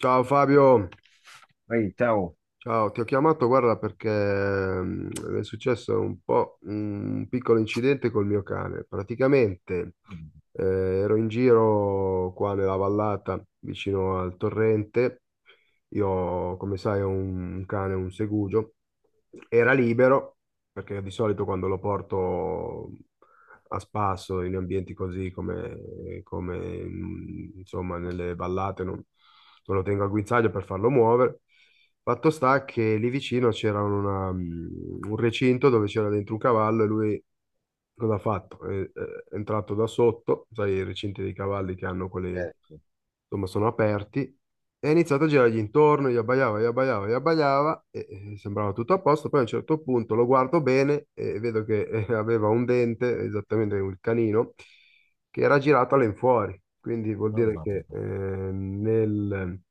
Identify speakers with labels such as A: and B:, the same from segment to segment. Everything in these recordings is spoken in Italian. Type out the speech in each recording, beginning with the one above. A: Ciao Fabio,
B: Ehi, ciao.
A: ciao, ti ho chiamato, guarda, perché è successo un po' un piccolo incidente col mio cane. Praticamente ero in giro qua nella vallata vicino al torrente. Io, come sai, ho un cane, un segugio. Era libero, perché di solito quando lo porto a spasso in ambienti così come, come, mm, insomma nelle vallate non lo tengo al guinzaglio per farlo muovere. Fatto sta che lì vicino c'era un recinto dove c'era dentro un cavallo e lui cosa ha fatto? È entrato da sotto, sai, i recinti dei cavalli che hanno quelle,
B: Eh,
A: insomma, sono aperti e ha iniziato a girargli intorno, gli abbaiava, gli abbaiava, gli abbaiava e sembrava tutto a posto. Poi a un certo punto lo guardo bene e vedo che aveva un dente, esattamente un canino, che era girato all'infuori. Quindi vuol
B: no,
A: dire
B: mamma
A: che
B: mia.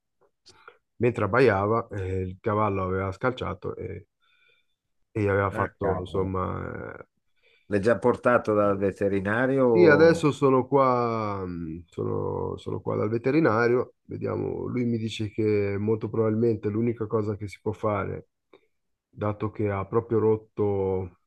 A: mentre abbaiava il cavallo aveva scalciato e gli aveva
B: Ah,
A: fatto,
B: cavolo.
A: insomma,
B: L'hai già portato dal
A: eh, sì,
B: veterinario?
A: adesso sono qua, sono qua dal veterinario, vediamo, lui mi dice che molto probabilmente l'unica cosa che si può fare, dato che ha proprio rotto,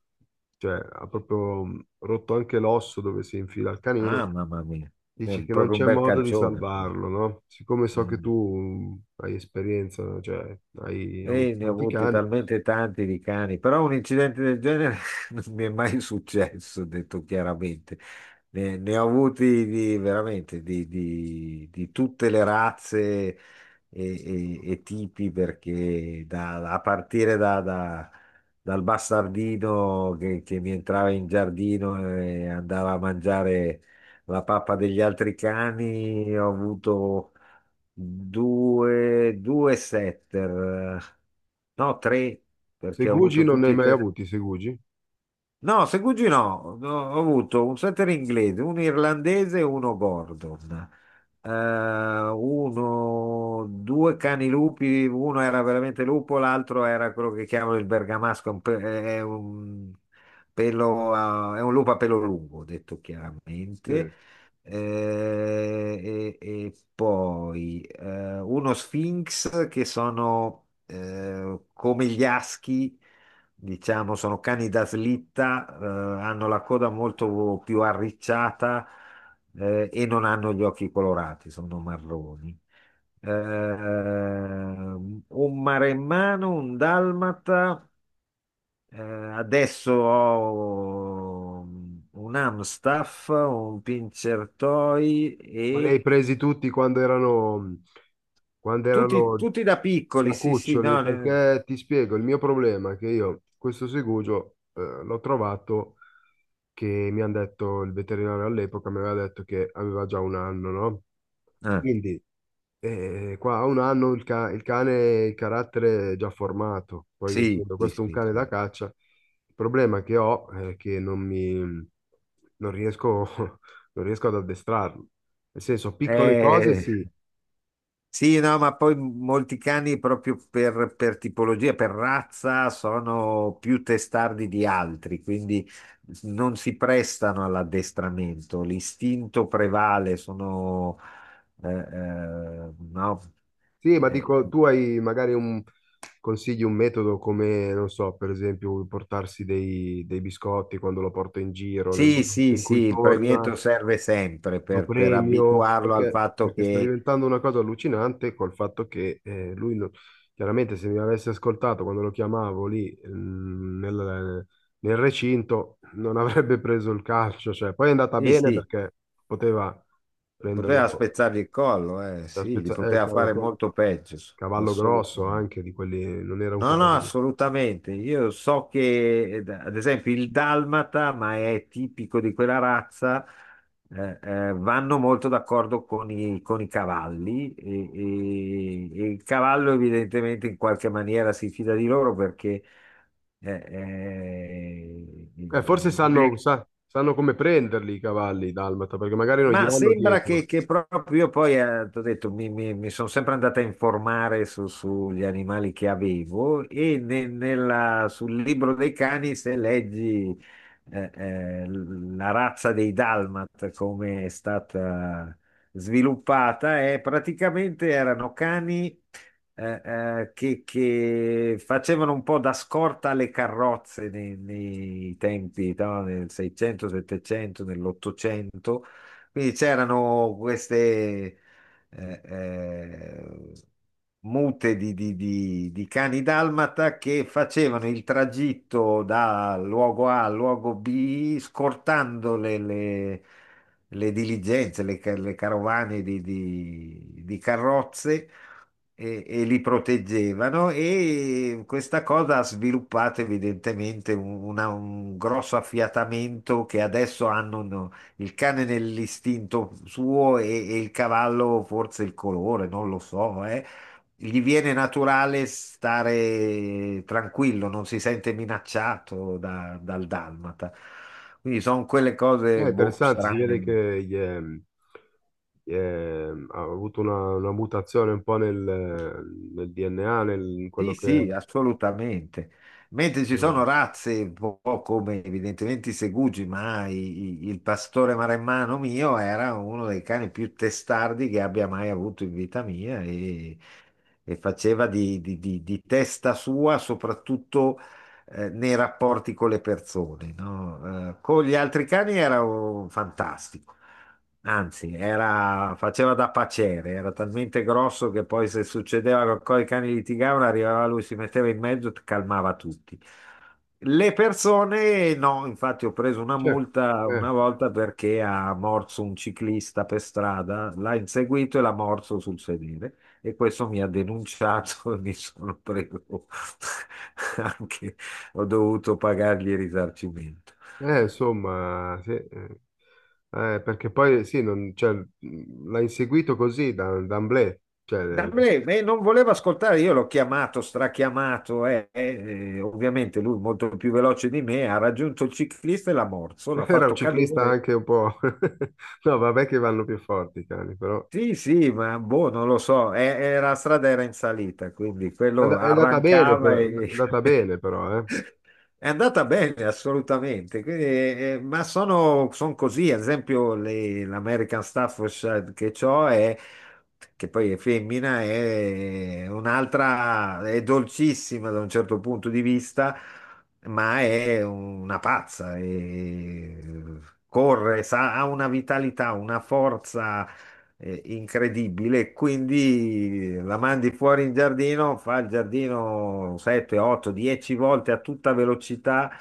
A: cioè ha proprio rotto anche l'osso dove si infila il
B: Ah,
A: canino,
B: mamma mia. È
A: dice che non
B: proprio un
A: c'è
B: bel
A: modo di
B: calcione poi.
A: salvarlo, no? Siccome so che
B: Mm.
A: tu hai esperienza, cioè hai avuto
B: E ne ho
A: tanti
B: avuti
A: cani,
B: talmente tanti di cani, però un incidente del genere non mi è mai successo, detto chiaramente. Ne ho avuti di, veramente di, di tutte le razze, e, e tipi perché a partire dal bastardino che mi entrava in giardino e andava a mangiare la pappa degli altri cani. Ho avuto due setter, no, tre, perché ho
A: segugi
B: avuto
A: non ne
B: tutti
A: hai
B: e
A: mai
B: tre.
A: avuti, segugi?
B: No, segugi no. No, ho avuto un setter inglese, un irlandese e uno Gordon. Eh, Uno, due cani lupi, uno era veramente lupo, l'altro era quello che chiamano il bergamasco, un è un, pelo, è un lupo a pelo lungo, detto
A: Sì.
B: chiaramente. Eh, e, e poi uno Sphinx che sono, come gli aschi diciamo, sono cani da slitta, hanno la coda molto più arricciata, e non hanno gli occhi colorati, sono marroni. Un maremmano, un dalmata, adesso ho un Amstaff, un Pincher Toy
A: Ma li hai
B: e
A: presi tutti quando erano, quando
B: tutti,
A: erano
B: tutti da
A: da
B: piccoli, sì, sì,
A: cuccioli,
B: no,
A: perché ti spiego, il mio problema è che io questo segugio l'ho trovato che mi hanno detto, il veterinario all'epoca mi aveva detto che aveva già un anno, no?
B: eh,
A: Quindi qua a un anno il cane, il carattere è già formato, poi
B: sì,
A: essendo
B: sì,
A: questo un
B: sì,
A: cane da
B: sì.
A: caccia, il problema che ho è che non riesco, non riesco ad addestrarlo. Nel senso, piccole cose
B: Eh,
A: sì,
B: Sì, no, ma poi molti cani proprio per tipologia, per razza, sono più testardi di altri, quindi non si prestano all'addestramento. L'istinto prevale, sono... no.
A: sì, ma
B: Eh,
A: dico, tu hai magari un consigli un metodo come, non so, per esempio, portarsi dei biscotti quando lo porto in giro, nel
B: sì,
A: momento
B: sì,
A: in
B: sì,
A: cui
B: il
A: torna,
B: premietto serve sempre
A: lo
B: per
A: premio,
B: abituarlo al
A: perché,
B: fatto
A: perché sta
B: che...
A: diventando una cosa allucinante col fatto che lui, non- chiaramente, se mi avesse ascoltato quando lo chiamavo nel recinto, non avrebbe preso il calcio. Cioè, poi è andata
B: Sì,
A: bene
B: sì,
A: perché poteva prenderlo
B: poteva spezzargli il collo, sì, gli poteva
A: cavolo,
B: fare molto peggio,
A: cavallo grosso
B: assolutamente.
A: anche di quelli, non era un
B: No, no,
A: cavallo.
B: assolutamente. Io so che, ad esempio, il dalmata, ma è tipico di quella razza, vanno molto d'accordo con i cavalli e, e il cavallo evidentemente in qualche maniera si fida di loro perché eh, eh,
A: Forse
B: non è-
A: sanno come prenderli i cavalli dalmata, perché magari non gli
B: ma
A: vanno
B: sembra
A: dietro.
B: che proprio io poi, t'ho detto, mi, sono sempre andata a informare sugli animali che avevo e sul libro dei cani, se leggi la razza dei Dalmat, come è stata sviluppata, è praticamente erano cani che facevano un po' da scorta alle carrozze nei, nei tempi, no? Nel 600, 700, nell'Ottocento, quindi c'erano queste eh, eh, mute di, di cani dalmata che facevano il tragitto da luogo A al luogo B, scortando le, le diligenze, le, le carovane di, di carrozze. E li proteggevano e questa cosa ha sviluppato evidentemente un, un grosso affiatamento che adesso hanno, no, il cane nell'istinto suo e il cavallo forse il colore, non lo so, eh. Gli viene naturale stare tranquillo, non si sente minacciato dal dalmata. Quindi sono quelle
A: È
B: cose boh,
A: interessante, si vede
B: strane.
A: che ha avuto una mutazione un po' nel, nel DNA, nel, in
B: Sì,
A: quello che è.
B: sì, assolutamente. Mentre ci
A: Eh,
B: sono razze, un po' come evidentemente i segugi, ma il pastore maremmano mio era uno dei cani più testardi che abbia mai avuto in vita mia, e faceva di, di testa sua, soprattutto nei rapporti con le persone, no? Con gli altri cani era oh, fantastico. Anzi, faceva da paciere, era talmente grosso che poi se succedeva che i cani litigavano, arrivava lui, si metteva in mezzo e calmava tutti. Le persone, no, infatti ho preso una
A: cioè,
B: multa
A: eh,
B: una volta perché ha morso un ciclista per strada, l'ha inseguito e l'ha morso sul sedere, e questo mi ha denunciato e mi sono preso anche, ho dovuto pagargli il risarcimento.
A: insomma, sì, perché poi sì, cioè, l'ha inseguito così da, d'emblée. Cioè,
B: Da me, non voleva ascoltare, io l'ho chiamato, strachiamato, ovviamente lui molto più veloce di me, ha raggiunto il ciclista e l'ha morso, l'ha
A: era un
B: fatto
A: ciclista
B: cadere.
A: anche un po' no, vabbè che vanno più forti i cani, però...
B: Sì, sì, ma boh, non lo so, e la strada era in salita, quindi quello
A: È andata bene,
B: arrancava e
A: è andata bene però, eh.
B: è andata bene, assolutamente. Quindi, ma sono, son così, ad esempio l'American Staffordshire che ho è, che poi è femmina, è un'altra, è dolcissima da un certo punto di vista, ma è una pazza, e corre, ha una vitalità, una forza incredibile. Quindi la mandi fuori in giardino, fa il giardino 7, 8, 10 volte a tutta velocità,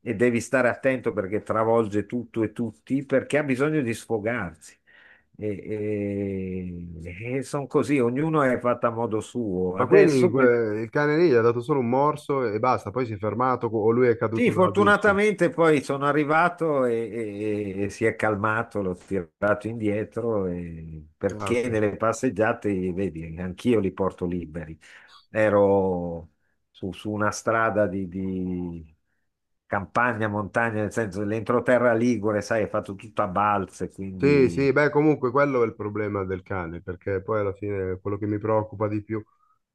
B: e devi stare attento perché travolge tutto e tutti, perché ha bisogno di sfogarsi. E, e sono così, ognuno è fatto a modo suo.
A: Ma quelli,
B: Adesso
A: il cane lì gli ha dato solo un morso e basta, poi si è fermato o lui è caduto
B: sì,
A: dalla bici.
B: fortunatamente poi sono arrivato e, e si è calmato, l'ho tirato indietro
A: Ah, ok.
B: perché nelle passeggiate, vedi, anch'io li porto liberi. Ero su, su una strada di campagna, montagna, nel senso l'entroterra ligure, sai, è fatto tutto a balze,
A: Sì, sì,
B: quindi
A: beh, comunque quello è il problema del cane, perché poi alla fine quello che mi preoccupa di più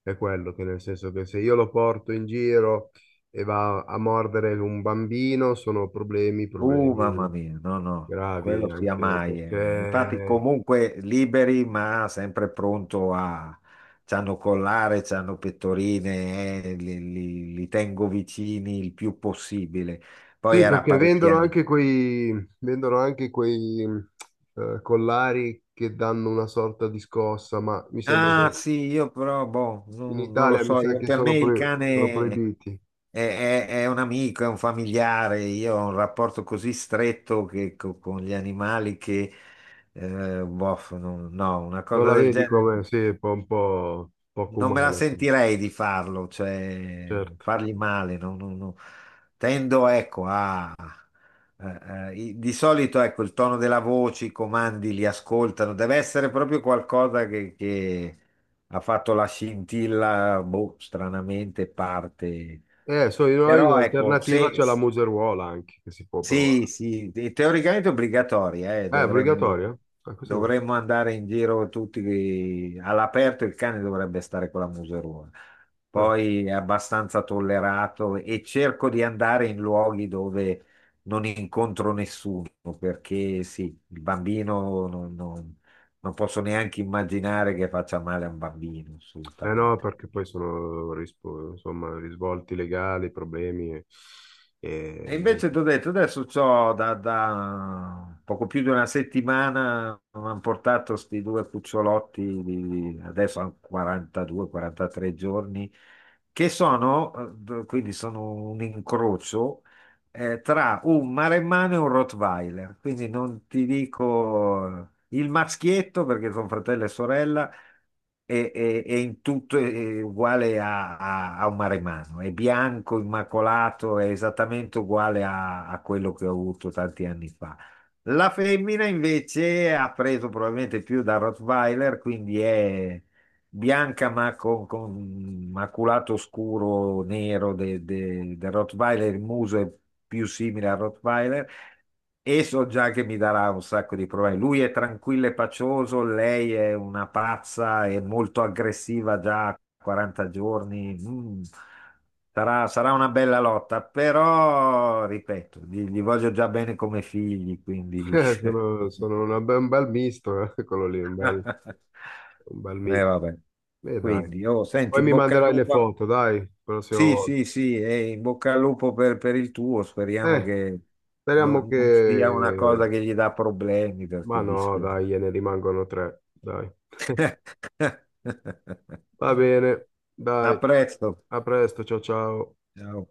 A: è quello, che nel senso che se io lo porto in giro e va a mordere un bambino, sono problemi,
B: uh, mamma
A: problemi
B: mia, no, no,
A: gravi
B: quello sia
A: anche
B: mai, eh. Infatti,
A: perché
B: comunque liberi, ma sempre pronto a. C'hanno collare, c'hanno pettorine, li, li tengo vicini il più possibile. Poi
A: sì,
B: era
A: perché
B: parecchi
A: vendono
B: anni
A: anche quei, vendono anche quei collari che danno una sorta di scossa, ma mi sembra
B: ah
A: che
B: sì, io però, boh,
A: in
B: non lo
A: Italia mi
B: so,
A: sa che
B: per me il
A: sono
B: cane è,
A: proibiti.
B: è un amico, è un familiare, io ho un rapporto così stretto che, con gli animali che, boh, no, no, una
A: Non
B: cosa
A: la
B: del
A: vedi
B: genere
A: come? Sì, è un po' poco
B: non me la
A: umano,
B: sentirei di farlo, cioè
A: certo.
B: fargli male, no, no, no. Tendo, ecco, a di solito, ecco, il tono della voce, i comandi li ascoltano, deve essere proprio qualcosa che ha fatto la scintilla, boh, stranamente parte.
A: So io noi
B: Però ecco,
A: l'alternativa
B: se,
A: c'è la museruola anche, che si può
B: sì,
A: provare.
B: sì, teoricamente è obbligatoria,
A: È
B: dovremmo,
A: obbligatoria? Ah, questo no.
B: dovremmo andare in giro tutti all'aperto, il cane dovrebbe stare con la museruola.
A: Ah.
B: Poi è abbastanza tollerato e cerco di andare in luoghi dove non incontro nessuno, perché sì, il bambino non, non posso neanche immaginare che faccia male a un bambino,
A: Eh no,
B: assolutamente.
A: perché poi insomma, risvolti legali, problemi
B: E
A: e niente.
B: invece ti ho detto, adesso c'ho da, da poco più di una settimana, mi hanno portato questi due cucciolotti, di, adesso hanno 42-43 giorni, che sono, quindi sono un incrocio, tra un maremmano e un Rottweiler. Quindi non ti dico il maschietto, perché sono fratello e sorella, e, e in tutto è uguale a, a, a un maremano, è bianco, immacolato, è esattamente uguale a, a quello che ho avuto tanti anni fa. La femmina invece ha preso probabilmente più da Rottweiler, quindi è bianca ma con maculato scuro nero del Rottweiler, il muso è più simile al Rottweiler, e so già che mi darà un sacco di problemi. Lui è tranquillo e pacioso, lei è una pazza e molto aggressiva già a 40 giorni. Mm. Sarà una bella lotta, però, ripeto, gli voglio già bene come figli, quindi...
A: Sono, sono una un bel misto, quello lì, un bel mix.
B: Vabbè.
A: Beh, dai.
B: Quindi, oh, senti,
A: Poi
B: in
A: mi
B: bocca al
A: manderai le
B: lupo.
A: foto, dai, la prossima
B: Sì,
A: volta.
B: sì, sì, e in bocca al lupo per il tuo, speriamo
A: Eh,
B: che
A: speriamo
B: non, non sia una
A: che...
B: cosa che gli dà problemi,
A: Ma
B: perché
A: no,
B: dispiace.
A: dai, ne rimangono tre, dai. Va bene, dai,
B: A presto.
A: a presto, ciao ciao.
B: Ciao.